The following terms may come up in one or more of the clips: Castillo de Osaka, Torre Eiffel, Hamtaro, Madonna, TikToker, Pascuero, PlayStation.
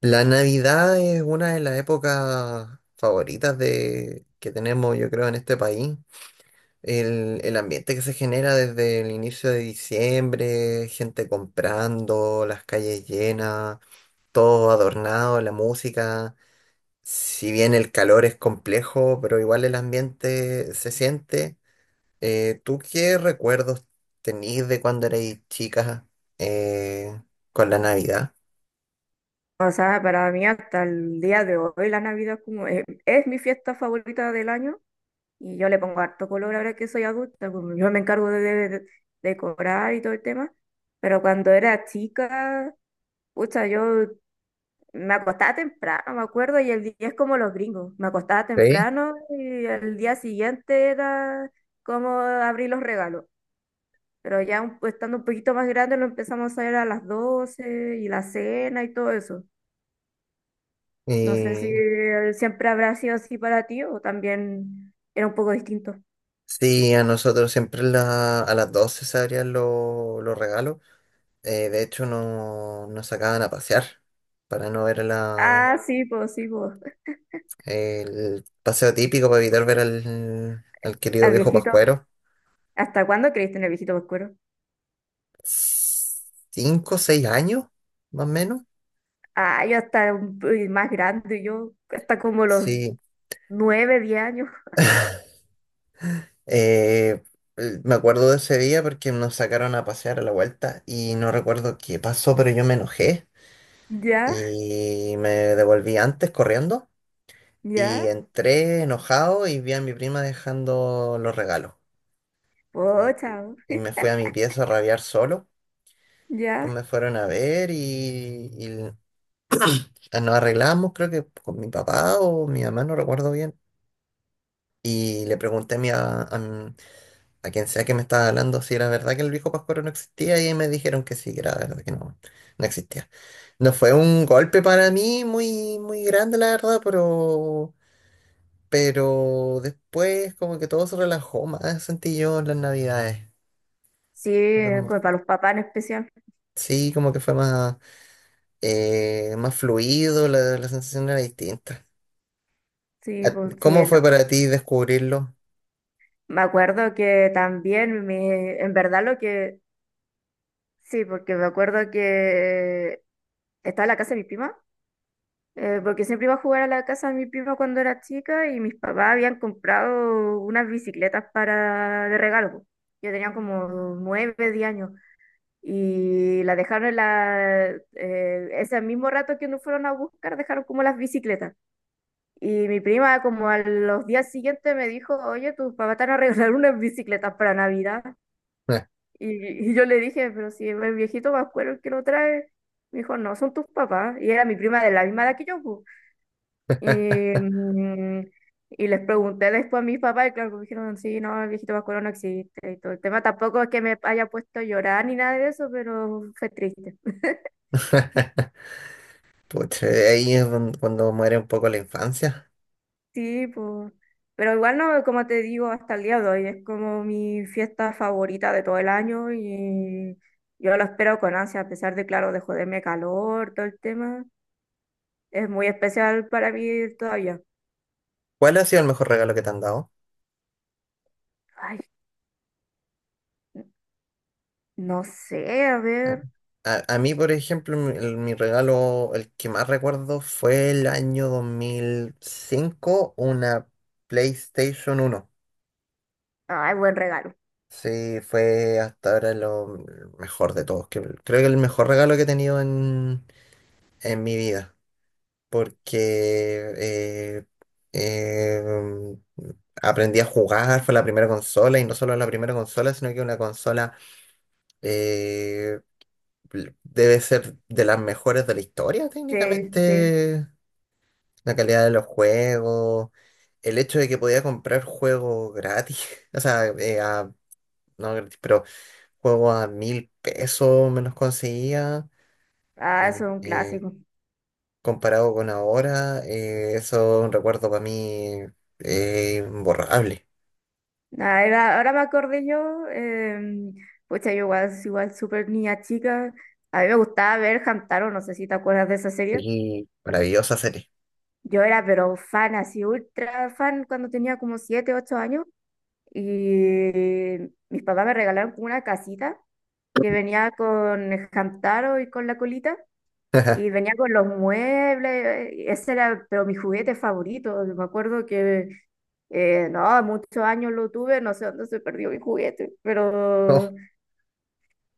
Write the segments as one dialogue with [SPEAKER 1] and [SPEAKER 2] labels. [SPEAKER 1] La Navidad es una de las épocas favoritas que tenemos, yo creo, en este país. El ambiente que se genera desde el inicio de diciembre, gente comprando, las calles llenas, todo adornado, la música. Si bien el calor es complejo, pero igual el ambiente se siente. ¿Tú qué recuerdos tenís de cuando erais chicas eh, con la Navidad?
[SPEAKER 2] O sea, para mí hasta el día de hoy la Navidad es como es mi fiesta favorita del año y yo le pongo harto color ahora que soy adulta, como yo me encargo de decorar y todo el tema, pero cuando era chica, pucha, yo me acostaba temprano, me acuerdo, y el día es como los gringos, me acostaba
[SPEAKER 1] ¿Sí?
[SPEAKER 2] temprano y el día siguiente era como abrir los regalos, pero estando un poquito más grande lo empezamos a hacer a las 12 y la cena y todo eso. No sé si siempre habrá sido así para ti o también era un poco distinto.
[SPEAKER 1] Sí, a nosotros siempre a las 12 se abrían los regalos. De hecho, no, nos sacaban a pasear para no ver
[SPEAKER 2] Ah, sí, pues sí, pues.
[SPEAKER 1] el paseo típico, para evitar ver al querido
[SPEAKER 2] Al
[SPEAKER 1] viejo
[SPEAKER 2] viejito.
[SPEAKER 1] Pascuero.
[SPEAKER 2] ¿Hasta cuándo creíste en el viejito oscuro?
[SPEAKER 1] 5, 6 años, más o menos.
[SPEAKER 2] Ah, yo más grande, yo hasta como los
[SPEAKER 1] Sí.
[SPEAKER 2] 9, 10 años.
[SPEAKER 1] Eh, Me acuerdo de ese día porque nos sacaron a pasear a la vuelta y no recuerdo qué pasó, pero yo me enojé
[SPEAKER 2] Ya,
[SPEAKER 1] y me devolví antes corriendo. Y
[SPEAKER 2] ya.
[SPEAKER 1] entré enojado y vi a mi prima dejando los regalos.
[SPEAKER 2] Oh,
[SPEAKER 1] Y,
[SPEAKER 2] chao.
[SPEAKER 1] y me fui a mi pieza a rabiar solo. Pues
[SPEAKER 2] Ya.
[SPEAKER 1] me fueron a ver y nos arreglamos, creo que con mi papá o mi mamá, no recuerdo bien. Y le pregunté a quien sea que me estaba hablando si era verdad que el viejo Pascuero no existía y ahí me dijeron que sí, que era verdad que no, no existía. No fue un golpe para mí muy, muy grande, la verdad, pero después como que todo se relajó más, sentí yo en las navidades.
[SPEAKER 2] Sí,
[SPEAKER 1] Como-
[SPEAKER 2] como para los papás en especial.
[SPEAKER 1] sí, como que fue más, más fluido, la sensación era distinta.
[SPEAKER 2] Sí, pues sí,
[SPEAKER 1] ¿Cómo
[SPEAKER 2] no.
[SPEAKER 1] fue para ti descubrirlo?
[SPEAKER 2] Me acuerdo que también, en verdad lo que... Sí, porque me acuerdo que estaba en la casa de mi prima porque siempre iba a jugar a la casa de mi prima cuando era chica y mis papás habían comprado unas bicicletas para de regalo, po. Yo tenía como 9, 10 años y las dejaron en ese mismo rato que nos fueron a buscar, dejaron como las bicicletas. Y mi prima como a los días siguientes me dijo, oye, tus papás te van a regalar unas bicicletas para Navidad. Y yo le dije, pero si es el viejito Pascuero el que lo trae, me dijo, no, son tus papás. Y era mi prima de la misma edad que yo, po. Y, mm, y les pregunté después a mis papás, y claro, pues me dijeron, sí, no, el viejito vascuero no existe y todo el tema. Tampoco es que me haya puesto a llorar ni nada de eso, pero fue triste.
[SPEAKER 1] Pucha, ahí es cuando muere un poco la infancia.
[SPEAKER 2] Sí, pues. Pero igual no, como te digo, hasta el día de hoy es como mi fiesta favorita de todo el año y yo lo espero con ansia, a pesar de, claro, de joderme calor, todo el tema. Es muy especial para mí todavía.
[SPEAKER 1] ¿Cuál ha sido el mejor regalo que te han dado?
[SPEAKER 2] Ay, no sé, a
[SPEAKER 1] Ah,
[SPEAKER 2] ver.
[SPEAKER 1] a mí, por ejemplo, mi regalo, el que más recuerdo fue el año 2005, una PlayStation 1.
[SPEAKER 2] Ay, buen regalo.
[SPEAKER 1] Sí, fue hasta ahora lo mejor de todos. Creo que el mejor regalo que he tenido en mi vida, porque eh, eh, aprendí a jugar, fue la primera consola, y no solo la primera consola, sino que una consola eh, debe ser de las mejores de la historia,
[SPEAKER 2] Sí, sí.
[SPEAKER 1] técnicamente. La calidad de los juegos, el hecho de que podía comprar juegos gratis, o sea, no gratis, pero juego a 1.000 pesos me los conseguía.
[SPEAKER 2] Ah, eso
[SPEAKER 1] Y
[SPEAKER 2] es un clásico.
[SPEAKER 1] comparado con ahora, eso es un recuerdo para mí imborrable.
[SPEAKER 2] Ahora me acordé yo, pucha, yo igual, igual súper niña chica. A mí me gustaba ver Hamtaro, no sé si te acuerdas de esa serie.
[SPEAKER 1] Y maravillosa serie.
[SPEAKER 2] Yo era pero fan, así ultra fan, cuando tenía como 7, 8 años. Y mis papás me regalaron como una casita que venía con Hamtaro y con la colita. Y venía con los muebles, ese era pero mi juguete favorito. Me acuerdo que, no, muchos años lo tuve, no sé dónde se perdió mi juguete,
[SPEAKER 1] Oh,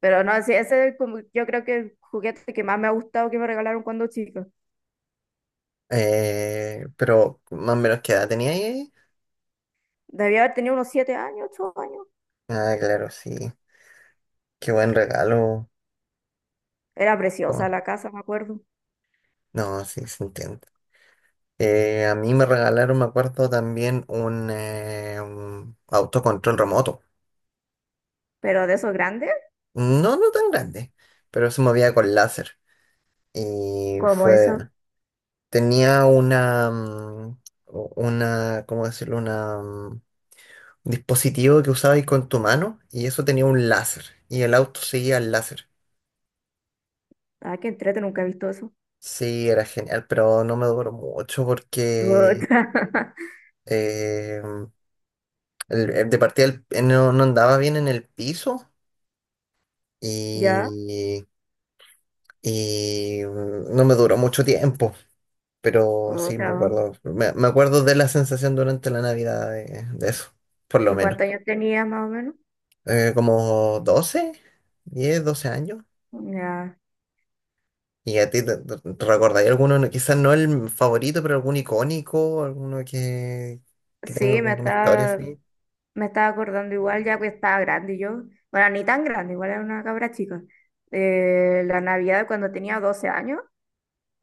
[SPEAKER 2] pero no, sí, ese es como, yo creo que el juguete que más me ha gustado que me regalaron cuando chica.
[SPEAKER 1] pero más o menos qué edad tenía ahí.
[SPEAKER 2] Debía haber tenido unos 7 años, 8 años.
[SPEAKER 1] Ah, claro, sí. Qué buen regalo.
[SPEAKER 2] Era
[SPEAKER 1] ¿Cómo
[SPEAKER 2] preciosa la casa, me acuerdo.
[SPEAKER 1] No, no, sí, se entiende. A mí me regalaron, me acuerdo, también un autocontrol remoto.
[SPEAKER 2] Pero de esos grandes,
[SPEAKER 1] No, no tan grande, pero se movía con láser. Y
[SPEAKER 2] como eso.
[SPEAKER 1] tenía una, ¿cómo decirlo? Un dispositivo que usabas con tu mano y eso tenía un láser y el auto seguía el láser.
[SPEAKER 2] Ah, qué entrete, nunca he visto eso.
[SPEAKER 1] Sí, era genial, pero no me duró mucho porque
[SPEAKER 2] Puta.
[SPEAKER 1] eh, de partida no andaba bien en el piso
[SPEAKER 2] Ya,
[SPEAKER 1] y, y no me duró mucho tiempo. Pero sí, me
[SPEAKER 2] otra.
[SPEAKER 1] acuerdo, me acuerdo de la sensación durante la Navidad de eso, por lo
[SPEAKER 2] ¿Y
[SPEAKER 1] menos.
[SPEAKER 2] cuántos años tenías más o menos?
[SPEAKER 1] Como 12, 10, 12 años.
[SPEAKER 2] Ya.
[SPEAKER 1] ¿Y a ti te recordáis alguno, quizás no el favorito, pero algún icónico, alguno que tenga
[SPEAKER 2] Sí, me
[SPEAKER 1] como una historia
[SPEAKER 2] está.
[SPEAKER 1] así?
[SPEAKER 2] Me estaba acordando igual, ya que estaba grande yo. Bueno, ni tan grande, igual era una cabra chica. La Navidad cuando tenía 12 años,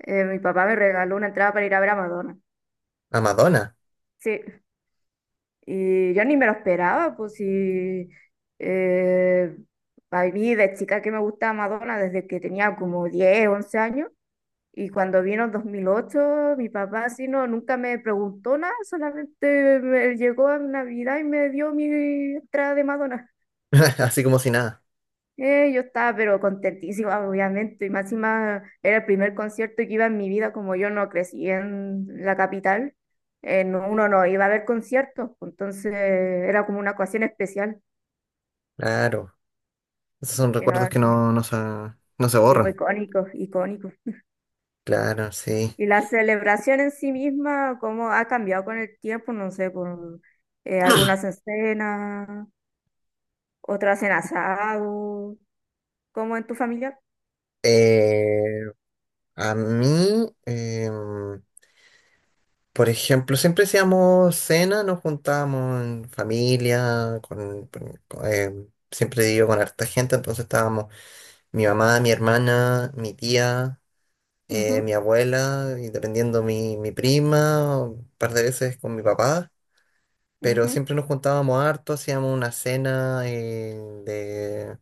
[SPEAKER 2] mi papá me regaló una entrada para ir a ver a Madonna.
[SPEAKER 1] A Madonna,
[SPEAKER 2] Sí, y yo ni me lo esperaba, pues sí. Eh, a mí de chica que me gustaba Madonna desde que tenía como 10, 11 años. Y cuando vino en 2008 mi papá así no, nunca me preguntó nada, solamente me llegó a Navidad y me dio mi entrada de Madonna.
[SPEAKER 1] así como si nada.
[SPEAKER 2] Yo estaba pero contentísima, obviamente, y más encima era el primer concierto que iba en mi vida, como yo no crecí en la capital, uno no iba a ver conciertos, pues, entonces era como una ocasión especial,
[SPEAKER 1] Claro, esos son
[SPEAKER 2] que no-
[SPEAKER 1] recuerdos que no se
[SPEAKER 2] sí, pues
[SPEAKER 1] borran.
[SPEAKER 2] icónico, icónico.
[SPEAKER 1] Claro, sí.
[SPEAKER 2] Y la celebración en sí misma, cómo ha cambiado con el tiempo, no sé, por algunas en cena, otras en asado, como en tu familia.
[SPEAKER 1] Eh, a mí, por ejemplo, siempre hacíamos cena, nos juntábamos en familia, siempre vivo con harta gente, entonces estábamos. Mi mamá, mi hermana, mi tía,
[SPEAKER 2] Ujú,
[SPEAKER 1] mi abuela, y dependiendo mi prima, o un par de veces con mi papá, pero
[SPEAKER 2] ujú,
[SPEAKER 1] siempre nos juntábamos harto, hacíamos una cena de,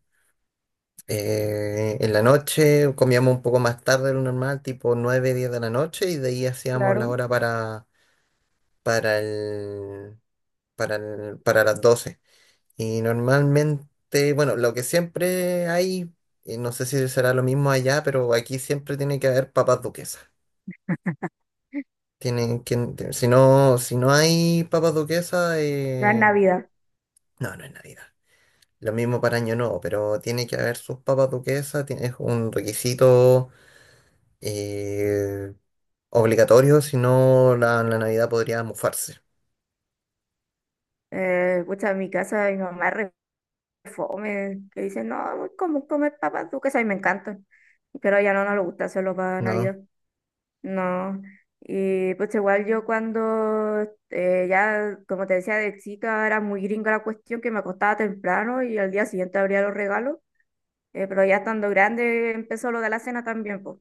[SPEAKER 1] en la noche, comíamos un poco más tarde de lo normal, tipo 9, 10 de la noche, y de ahí hacíamos la
[SPEAKER 2] claro,
[SPEAKER 1] hora para, para el, para las 12. Y normalmente, bueno, lo que siempre hay, y no sé si será lo mismo allá, pero aquí siempre tiene que haber papas duquesas. Tienen que, si no, si no hay papas duquesas,
[SPEAKER 2] la
[SPEAKER 1] eh,
[SPEAKER 2] Navidad.
[SPEAKER 1] no, no es Navidad. Lo mismo para Año Nuevo, pero tiene que haber sus papas duquesas, es un requisito eh, obligatorio, si no la Navidad podría mufarse,
[SPEAKER 2] Pucha, en mi casa mi mamá re fome, que dice, no, como comer papas duques, a mí me encantan, pero ya no nos gusta hacerlo para
[SPEAKER 1] ¿no?
[SPEAKER 2] Navidad, no. Y pues igual yo cuando ya, como te decía, de chica era muy gringa la cuestión, que me acostaba temprano y al día siguiente abría los regalos, pero ya estando grande empezó lo de la cena también, pues.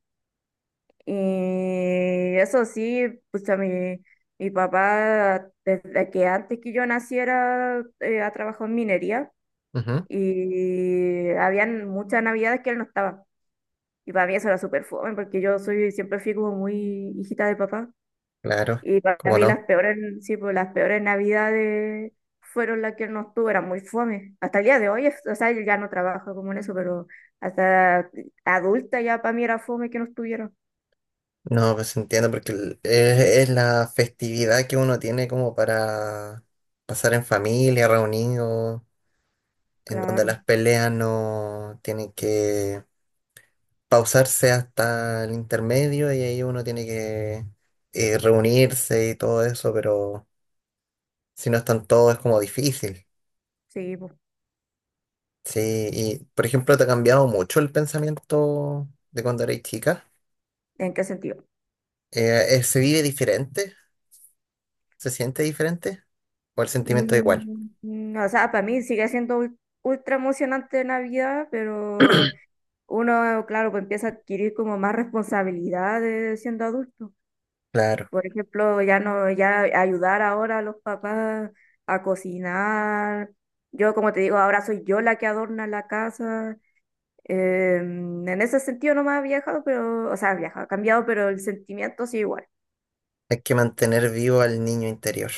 [SPEAKER 2] Y eso sí, pues a mi... Mi papá, desde que antes que yo naciera, ha trabajado en minería
[SPEAKER 1] Ujú,
[SPEAKER 2] y habían muchas navidades que él no estaba. Y para mí eso era súper fome, porque yo soy, siempre fui como muy hijita de papá.
[SPEAKER 1] claro,
[SPEAKER 2] Y para
[SPEAKER 1] cómo
[SPEAKER 2] mí las
[SPEAKER 1] no.
[SPEAKER 2] peores, sí, pues las peores navidades fueron las que él no estuvo, era muy fome. Hasta el día de hoy, o sea, él ya no trabaja como en eso, pero hasta adulta ya para mí era fome que no estuviera.
[SPEAKER 1] No, pues entiendo, porque es la festividad que uno tiene como para pasar en familia, reunidos, en donde
[SPEAKER 2] Claro,
[SPEAKER 1] las peleas no tienen que pausarse hasta el intermedio y ahí uno tiene que reunirse y todo eso, pero si no están todos es como difícil.
[SPEAKER 2] sí, pues.
[SPEAKER 1] Sí, y por ejemplo, ¿te ha cambiado mucho el pensamiento de cuando eres chica?
[SPEAKER 2] ¿En qué sentido?
[SPEAKER 1] ¿Se vive diferente? ¿Se siente diferente? ¿O el sentimiento es igual?
[SPEAKER 2] O sea, para mí sigue siendo ultra emocionante Navidad, pero uno, claro, pues empieza a adquirir como más responsabilidades siendo adulto.
[SPEAKER 1] Claro.
[SPEAKER 2] Por ejemplo, ya no, ya ayudar ahora a los papás a cocinar. Yo, como te digo, ahora soy yo la que adorna la casa. En ese sentido no me ha viajado, pero, o sea, ha viajado, ha cambiado, pero el sentimiento sí igual.
[SPEAKER 1] Hay que mantener vivo al niño interior.